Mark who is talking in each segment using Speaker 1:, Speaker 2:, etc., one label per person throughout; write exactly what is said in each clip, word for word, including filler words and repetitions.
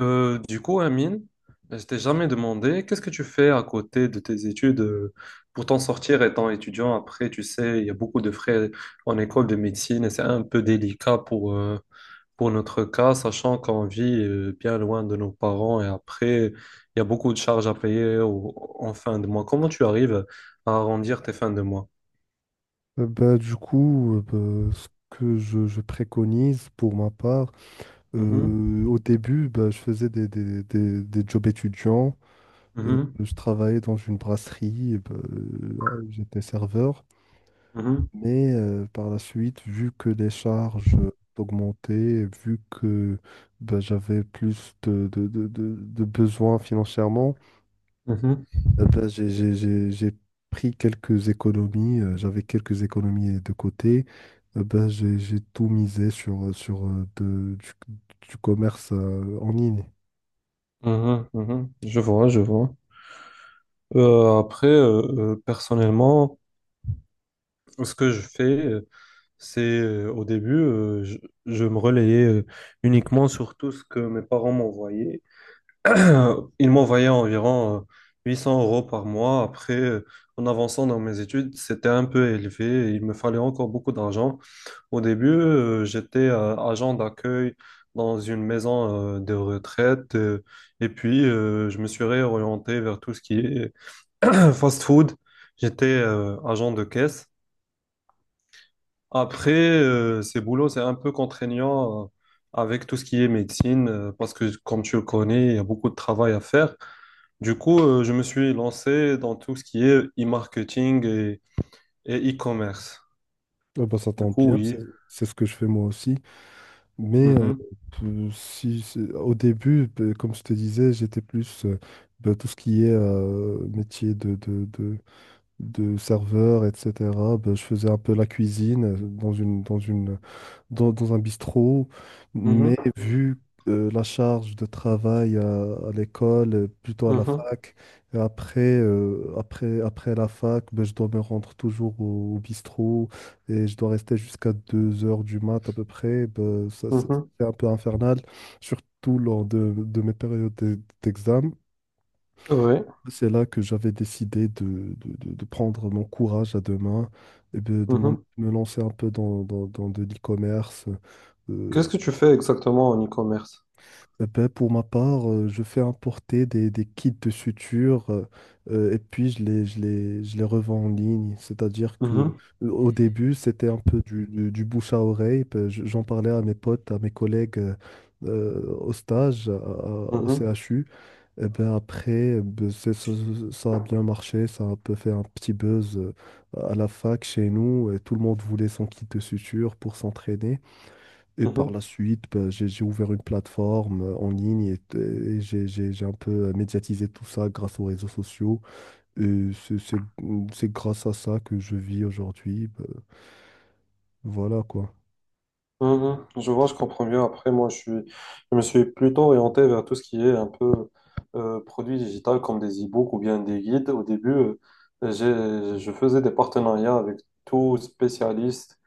Speaker 1: Euh, du coup, Amine, je t'ai jamais demandé, qu'est-ce que tu fais à côté de tes études euh, pour t'en sortir étant étudiant? Après, tu sais, il y a beaucoup de frais en école de médecine et c'est un peu délicat pour, euh, pour notre cas, sachant qu'on vit euh, bien loin de nos parents et après, il y a beaucoup de charges à payer au- en fin de mois. Comment tu arrives à arrondir tes fins de mois?
Speaker 2: Euh, bah, du coup, euh, bah, ce que je, je préconise pour ma part,
Speaker 1: Mhm,
Speaker 2: euh, au début, bah, je faisais des, des, des, des jobs étudiants. Euh,
Speaker 1: mhm,
Speaker 2: je travaillais dans une brasserie, et bah, euh, j'étais serveur.
Speaker 1: mhm,
Speaker 2: Mais euh, par la suite, vu que les charges augmentaient, vu que bah, j'avais plus de, de, de, de, de besoins financièrement, euh, ben, j'ai j'ai- j'ai- j'ai pris quelques économies, euh, j'avais quelques économies de côté. Euh, ben, j'ai j'ai tout misé sur, euh, sur euh, de- du, du commerce euh, en ligne.
Speaker 1: mhm, mhm, mhm. Je vois, je vois. Euh, après, euh, euh, personnellement, Ce que je fais, euh, c'est euh, au début, euh, je, je me relayais euh, uniquement sur tout ce que mes parents m'envoyaient. Ils m'envoyaient environ euh, huit cents euros par mois. Après, euh, en avançant dans mes études, c'était un peu élevé. et Il me fallait encore beaucoup d'argent. Au début, euh, j'étais euh, agent d'accueil dans une maison euh, de retraite. euh, et puis, euh, je me suis réorienté vers tout ce qui est fast-food. J'étais euh, agent de caisse. Après, euh, ces boulots, c'est un peu contraignant euh, avec tout ce qui est médecine, euh, parce que comme tu le connais, il y a beaucoup de travail à faire. Du coup, euh, je me suis lancé dans tout ce qui est e-marketing et, et e-commerce.
Speaker 2: Euh, ben, ça
Speaker 1: Du
Speaker 2: tombe
Speaker 1: coup,
Speaker 2: bien,
Speaker 1: oui.
Speaker 2: c'est c'est ce que je fais moi aussi. Mais euh,
Speaker 1: Mhm,
Speaker 2: peu- si, c'est- au début, peu- comme je te disais, j'étais plus euh, ben, tout ce qui est euh, métier de, de, de, de serveur, et cetera. Ben, je faisais un peu la cuisine euh, dans une, dans une dans, dans un bistrot,
Speaker 1: mhm,
Speaker 2: mais vu euh, la charge de travail à, à l'école, euh, plutôt à la
Speaker 1: mhm,
Speaker 2: fac, et après, euh, après, après la fac, ben, je dois me rendre toujours au, au bistrot et je dois rester jusqu'à deux heures du mat à peu près. Ben, ça, c'est
Speaker 1: mhm.
Speaker 2: c'est un peu infernal, surtout lors de, de mes périodes d'e- d'examen.
Speaker 1: C'est vrai.
Speaker 2: C'est là que j'avais décidé de, de- de- de prendre mon courage à deux mains et de, de m'en-
Speaker 1: Mhm.
Speaker 2: me lancer un peu dans, dans, dans de l'e-commerce
Speaker 1: Qu'est-ce
Speaker 2: euh,
Speaker 1: que tu fais exactement en e-commerce?
Speaker 2: Eh ben, pour ma part, euh, je fais importer des, des kits de suture euh, euh, et puis je les, je les, je les revends en ligne. C'est-à-dire que
Speaker 1: Mhm,
Speaker 2: euh, au début, c'était un peu du, du- du bouche à oreille. Ben, je- J'en parlais à mes potes, à mes collègues euh, euh, au stage, à- à- au
Speaker 1: mhm,
Speaker 2: C H U. Et ben, après, ben, c'est- ça, ça a bien marché. Ça a un peu fait un petit buzz euh, à la fac chez nous. Et tout le monde voulait son kit de suture pour s'entraîner. Et par
Speaker 1: mhm.
Speaker 2: la suite, ben, j'ai j'ai ouvert une plateforme euh, en ligne et, et j'ai j'ai- j'ai un peu euh, médiatisé tout ça grâce aux réseaux sociaux. Et c'est c'est- c'est grâce à ça que je vis aujourd'hui. Ben, voilà quoi.
Speaker 1: Mhm. Je vois, je comprends mieux. Après, moi, je suis, je me suis plutôt orienté vers tout ce qui est un peu euh, produit digital comme des e-books ou bien des guides. Au début, euh, j'ai, je faisais des partenariats avec tout spécialiste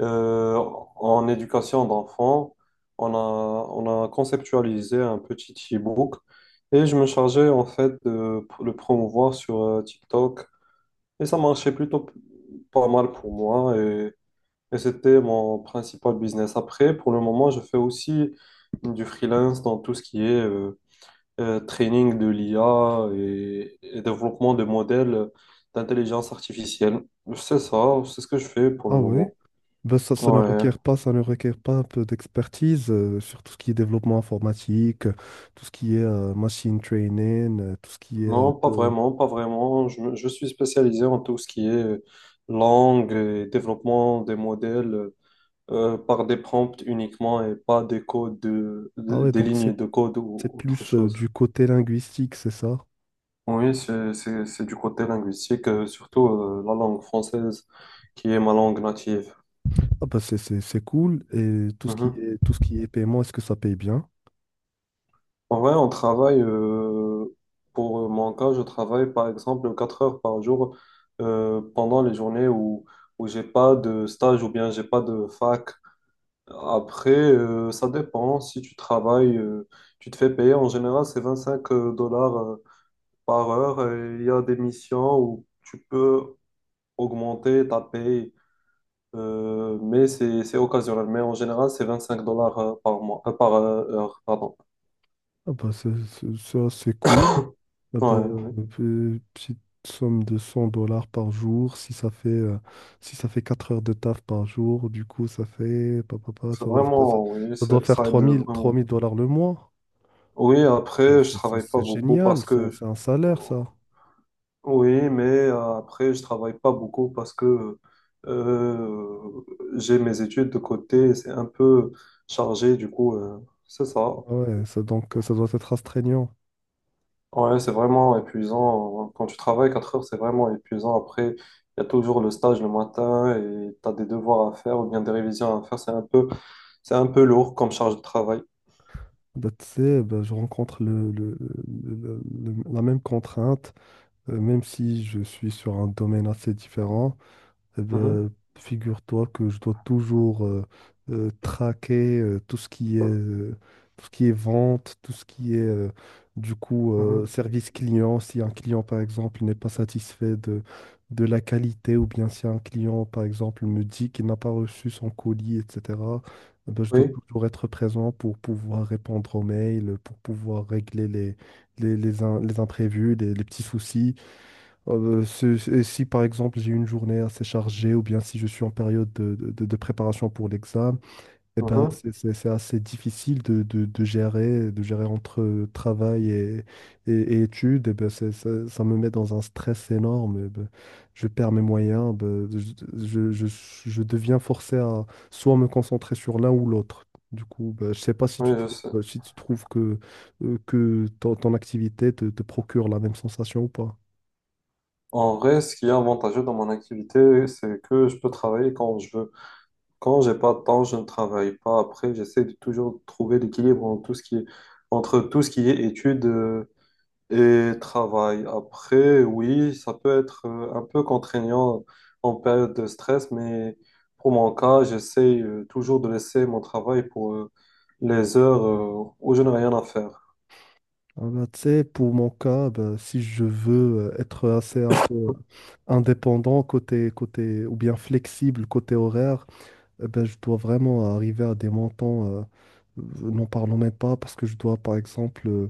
Speaker 1: euh, en éducation d'enfants. On a, on a conceptualisé un petit e-book et je me chargeais en fait de le promouvoir sur euh, TikTok. Et ça marchait plutôt p- pas mal pour moi. Et c'était mon principal business. Après, pour le moment, je fais aussi du freelance dans tout ce qui est euh, euh, training de l'I A et, et développement de modèles d'intelligence artificielle. C'est ça, c'est ce que je fais pour le
Speaker 2: Ah ouais?
Speaker 1: moment.
Speaker 2: Ben, ça, ça ne
Speaker 1: Ouais.
Speaker 2: requiert pas, ça ne requiert pas un peu d'expertise euh, sur tout ce qui est développement informatique, euh, tout ce qui est euh, machine training, euh, tout ce qui est un
Speaker 1: Non, pas
Speaker 2: peu...
Speaker 1: vraiment, pas vraiment. Je, me- je suis spécialisé en tout ce qui est euh, langue et développement des modèles euh, par des prompts uniquement et pas des codes, de-
Speaker 2: Ah
Speaker 1: de-
Speaker 2: ouais,
Speaker 1: des
Speaker 2: donc c'est
Speaker 1: lignes de code
Speaker 2: c'est
Speaker 1: ou autre
Speaker 2: plus euh,
Speaker 1: chose.
Speaker 2: du côté linguistique, c'est ça?
Speaker 1: Oui, c'est, c'est, c'est du côté linguistique, euh, surtout euh, la langue française, qui est ma langue native.
Speaker 2: Ah bah, c'est c'est- c'est cool. Et tout ce qui
Speaker 1: Mhm.
Speaker 2: est, tout ce qui est paiement, est-ce que ça paye bien?
Speaker 1: En vrai, on travaille, euh, pour mon cas, je travaille par exemple quatre heures par jour euh, pendant les journées où, où j'ai pas de stage ou bien j'ai pas de fac. Après, euh, ça dépend. Si tu travailles, euh, tu te fais payer. En général, c'est vingt-cinq euh, dollars euh, par heure. Et il y a des missions où tu peux augmenter ta paye Euh, mais c'est c'est occasionnel. Mais en général, c'est vingt-cinq dollars euh, par mois, euh, par euh, heure, pardon.
Speaker 2: Ah bah, c'est- c'est- ça, c'est cool. Ah
Speaker 1: Ouais,
Speaker 2: bah,
Speaker 1: oui.
Speaker 2: euh, petite somme de cent dollars par jour, si ça fait, euh, si ça fait quatre heures de taf par jour, du coup, ça fait... pa, pa, pa,
Speaker 1: C'est
Speaker 2: ça, va- ça, ça-
Speaker 1: vraiment, oui,
Speaker 2: ça doit
Speaker 1: c'est-
Speaker 2: faire
Speaker 1: ça aide
Speaker 2: 3000
Speaker 1: vraiment.
Speaker 2: trois mille dollars le mois.
Speaker 1: Oui,
Speaker 2: Bah,
Speaker 1: après, je
Speaker 2: C'est c'est-
Speaker 1: travaille pas
Speaker 2: c'est
Speaker 1: beaucoup
Speaker 2: génial,
Speaker 1: parce
Speaker 2: c'est
Speaker 1: que,
Speaker 2: c'est un salaire, ça.
Speaker 1: oui, mais euh, après, je travaille pas beaucoup parce que euh, j'ai mes études de côté, c'est un peu chargé, du coup, euh, c'est ça.
Speaker 2: Ah ouais, ça, donc, euh, ça doit être astreignant.
Speaker 1: Ouais, c'est vraiment épuisant. Quand tu travailles quatre heures, c'est vraiment épuisant. Après, il y a toujours le stage le matin et tu as des devoirs à faire ou bien des révisions à faire. C'est un peu, c'est un peu lourd comme charge de travail.
Speaker 2: Bah, tu sais, bah, je rencontre le, le- le- le- le- la même contrainte. Euh, Même si je suis sur un domaine assez différent, eh
Speaker 1: Mhm,
Speaker 2: ben, figure-toi que je dois toujours euh, euh, traquer euh, tout ce qui est, euh, tout ce qui est vente, tout ce qui est euh, du coup
Speaker 1: mhm.
Speaker 2: euh, service client. Si un client, par exemple, n'est pas satisfait de, de la qualité, ou bien si un client, par exemple, me dit qu'il n'a pas reçu son colis, et cetera, eh ben, je dois
Speaker 1: Oui,
Speaker 2: toujours être présent pour pouvoir répondre aux mails, pour pouvoir régler les, les, les, im- les imprévus, les les petits soucis. Euh, c'est- c'est- et si par exemple j'ai une journée assez chargée ou bien si je suis en période de, de- de préparation pour l'examen, eh ben
Speaker 1: mhm.
Speaker 2: c'est c'est- c'est assez difficile de, de- de gérer, de gérer entre euh, travail et, et, et études. Eh ben, c'est- ça, ça me met dans un stress énorme. Eh ben, je perds mes moyens. Ben, je, je- je- je deviens forcé à soit me concentrer sur l'un ou l'autre. Du coup, ben, je sais pas si tu
Speaker 1: Oui, je sais.
Speaker 2: trouves, si tu trouves que, euh, que ton, ton activité te te procure la même sensation ou pas.
Speaker 1: En vrai, ce qui est avantageux dans mon activité, c'est que je peux travailler quand je veux. Quand j'ai pas de temps, je ne travaille pas. Après, j'essaie de toujours trouver l'équilibre entre tout ce qui est, entre tout ce qui est études. euh, Et travail après, oui, ça peut être euh, un peu contraignant en période de stress, mais pour mon cas, j'essaie euh, toujours de laisser mon travail pour euh, les heures euh, où je n'ai rien à faire.
Speaker 2: Ah bah, tu sais, pour mon cas, bah, si je veux euh, être assez un peu indépendant côté, côté, ou bien flexible côté horaire, eh ben, je dois vraiment arriver à des montants, euh, euh, n'en parlons même pas, parce que je dois, par exemple, euh,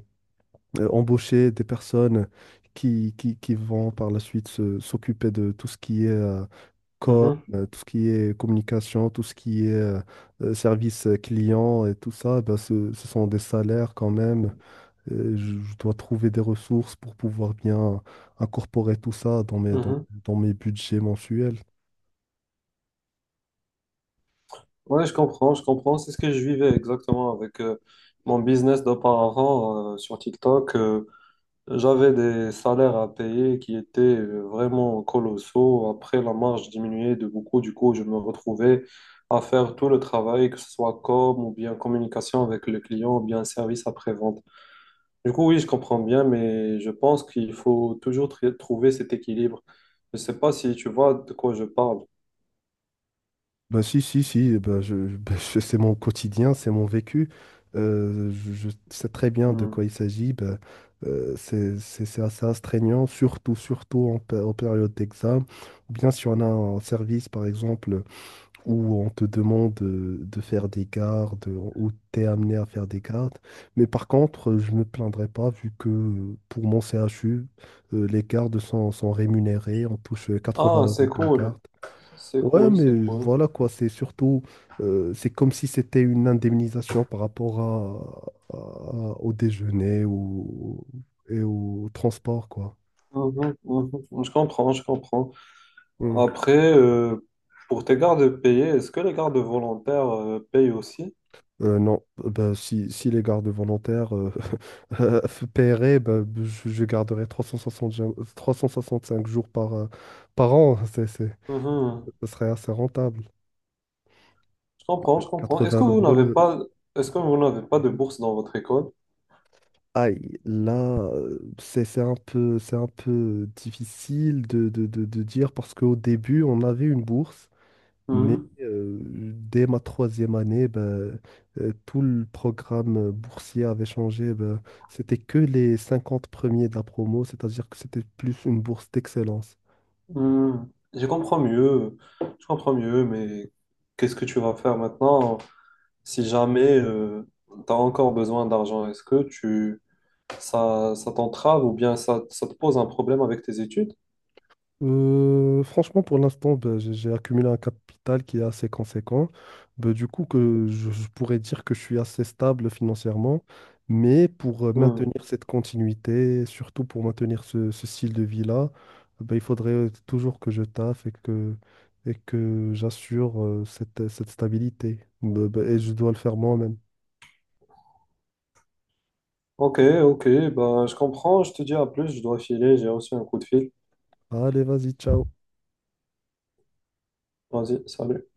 Speaker 2: euh, embaucher des personnes qui, qui, qui vont par la suite se- s'occuper de tout ce qui est euh, com,
Speaker 1: Mhm,
Speaker 2: euh, tout ce qui est communication, tout ce qui est euh, euh, service client et tout ça. Eh ben ce, ce sont des salaires quand même. Euh, je je dois trouver des ressources pour pouvoir bien incorporer tout ça dans mes, dans,
Speaker 1: mhm.
Speaker 2: dans mes budgets mensuels.
Speaker 1: Ouais, je comprends, je comprends. C'est ce que je vivais exactement avec euh, mon business d'auparavant euh, sur TikTok. euh, J'avais des salaires à payer qui étaient euh, vraiment colossaux. Après, la marge diminuait de beaucoup. Du coup, je me retrouvais à faire tout le travail, que ce soit com ou bien communication avec le client ou bien service après-vente. Du coup, oui, je comprends bien, mais je pense qu'il faut toujours tr- trouver cet équilibre. Je ne sais pas si tu vois de quoi je parle.
Speaker 2: Ben si, si, si, eh ben je, je- ben, je- c'est mon quotidien, c'est mon vécu. Euh, je, je sais très bien de
Speaker 1: Hmm.
Speaker 2: quoi il s'agit. Ben, euh, c'est, c'est- c'est assez astreignant, surtout, surtout en, pé- en période d'examen. Ou bien si on a un service, par exemple, où on te demande euh, de faire des gardes, euh, où tu es amené à faire des gardes. Mais par contre, euh, je ne me plaindrai pas vu que euh, pour mon C H U, euh, les gardes sont, sont rémunérés, on touche euh, 80
Speaker 1: Ah, c'est
Speaker 2: euros par
Speaker 1: cool.
Speaker 2: garde.
Speaker 1: C'est
Speaker 2: Ouais,
Speaker 1: cool, c'est
Speaker 2: mais
Speaker 1: cool.
Speaker 2: voilà quoi, c'est surtout, euh, c'est comme si c'était une indemnisation par rapport à, à- au déjeuner ou, et au transport, quoi.
Speaker 1: Mhm, mhm. Je comprends, je comprends.
Speaker 2: Mm.
Speaker 1: Après, euh, pour tes gardes payés, est-ce que les gardes volontaires euh, payent aussi?
Speaker 2: Euh, non, Euh, bah, si, si les gardes volontaires euh, euh, paieraient, bah, je, je garderais 360 jo- cinq jours par, euh, par an. C'est, c'est-
Speaker 1: Mhm.
Speaker 2: ce serait assez rentable.
Speaker 1: Je comprends, je comprends. Est-ce que
Speaker 2: 80
Speaker 1: vous
Speaker 2: euros.
Speaker 1: n'avez
Speaker 2: le-
Speaker 1: pas, est-ce que vous n'avez pas de
Speaker 2: Mhm.
Speaker 1: bourse dans votre école?
Speaker 2: Aïe, là, euh, c'est c'est un peu, c'est un peu difficile de, de, de, de dire parce qu'au début, on avait une bourse. Mais
Speaker 1: Mhm.
Speaker 2: euh, dès ma troisième année, ben, euh, tout le programme euh, boursier avait changé. Ben, c'était que les cinquante premiers de la promo, c'est-à-dire que c'était plus une bourse d'excellence.
Speaker 1: Mhm. Je comprends mieux, je comprends mieux, mais qu'est-ce que tu vas faire maintenant si jamais tu as encore besoin d'argent? Est-ce que tu, ça, ça t'entrave ou bien ça, ça te pose un problème avec tes études?
Speaker 2: Euh, franchement, pour l'instant, ben, j'ai j'ai accumulé un capital qui est assez conséquent. Ben, du coup, que je, je pourrais dire que je suis assez stable financièrement, mais pour euh,
Speaker 1: Mhm.
Speaker 2: maintenir cette continuité, surtout pour maintenir ce, ce style de vie-là, ben, il faudrait euh, toujours que je taffe et que, et que j'assure euh, cette, cette stabilité. Ben, ben, et je dois le faire moi-même.
Speaker 1: Ok, ok, ben, je comprends, je te dis à plus, je dois filer, j'ai reçu un coup de fil.
Speaker 2: Allez, vas-y, ciao.
Speaker 1: Vas-y, salut.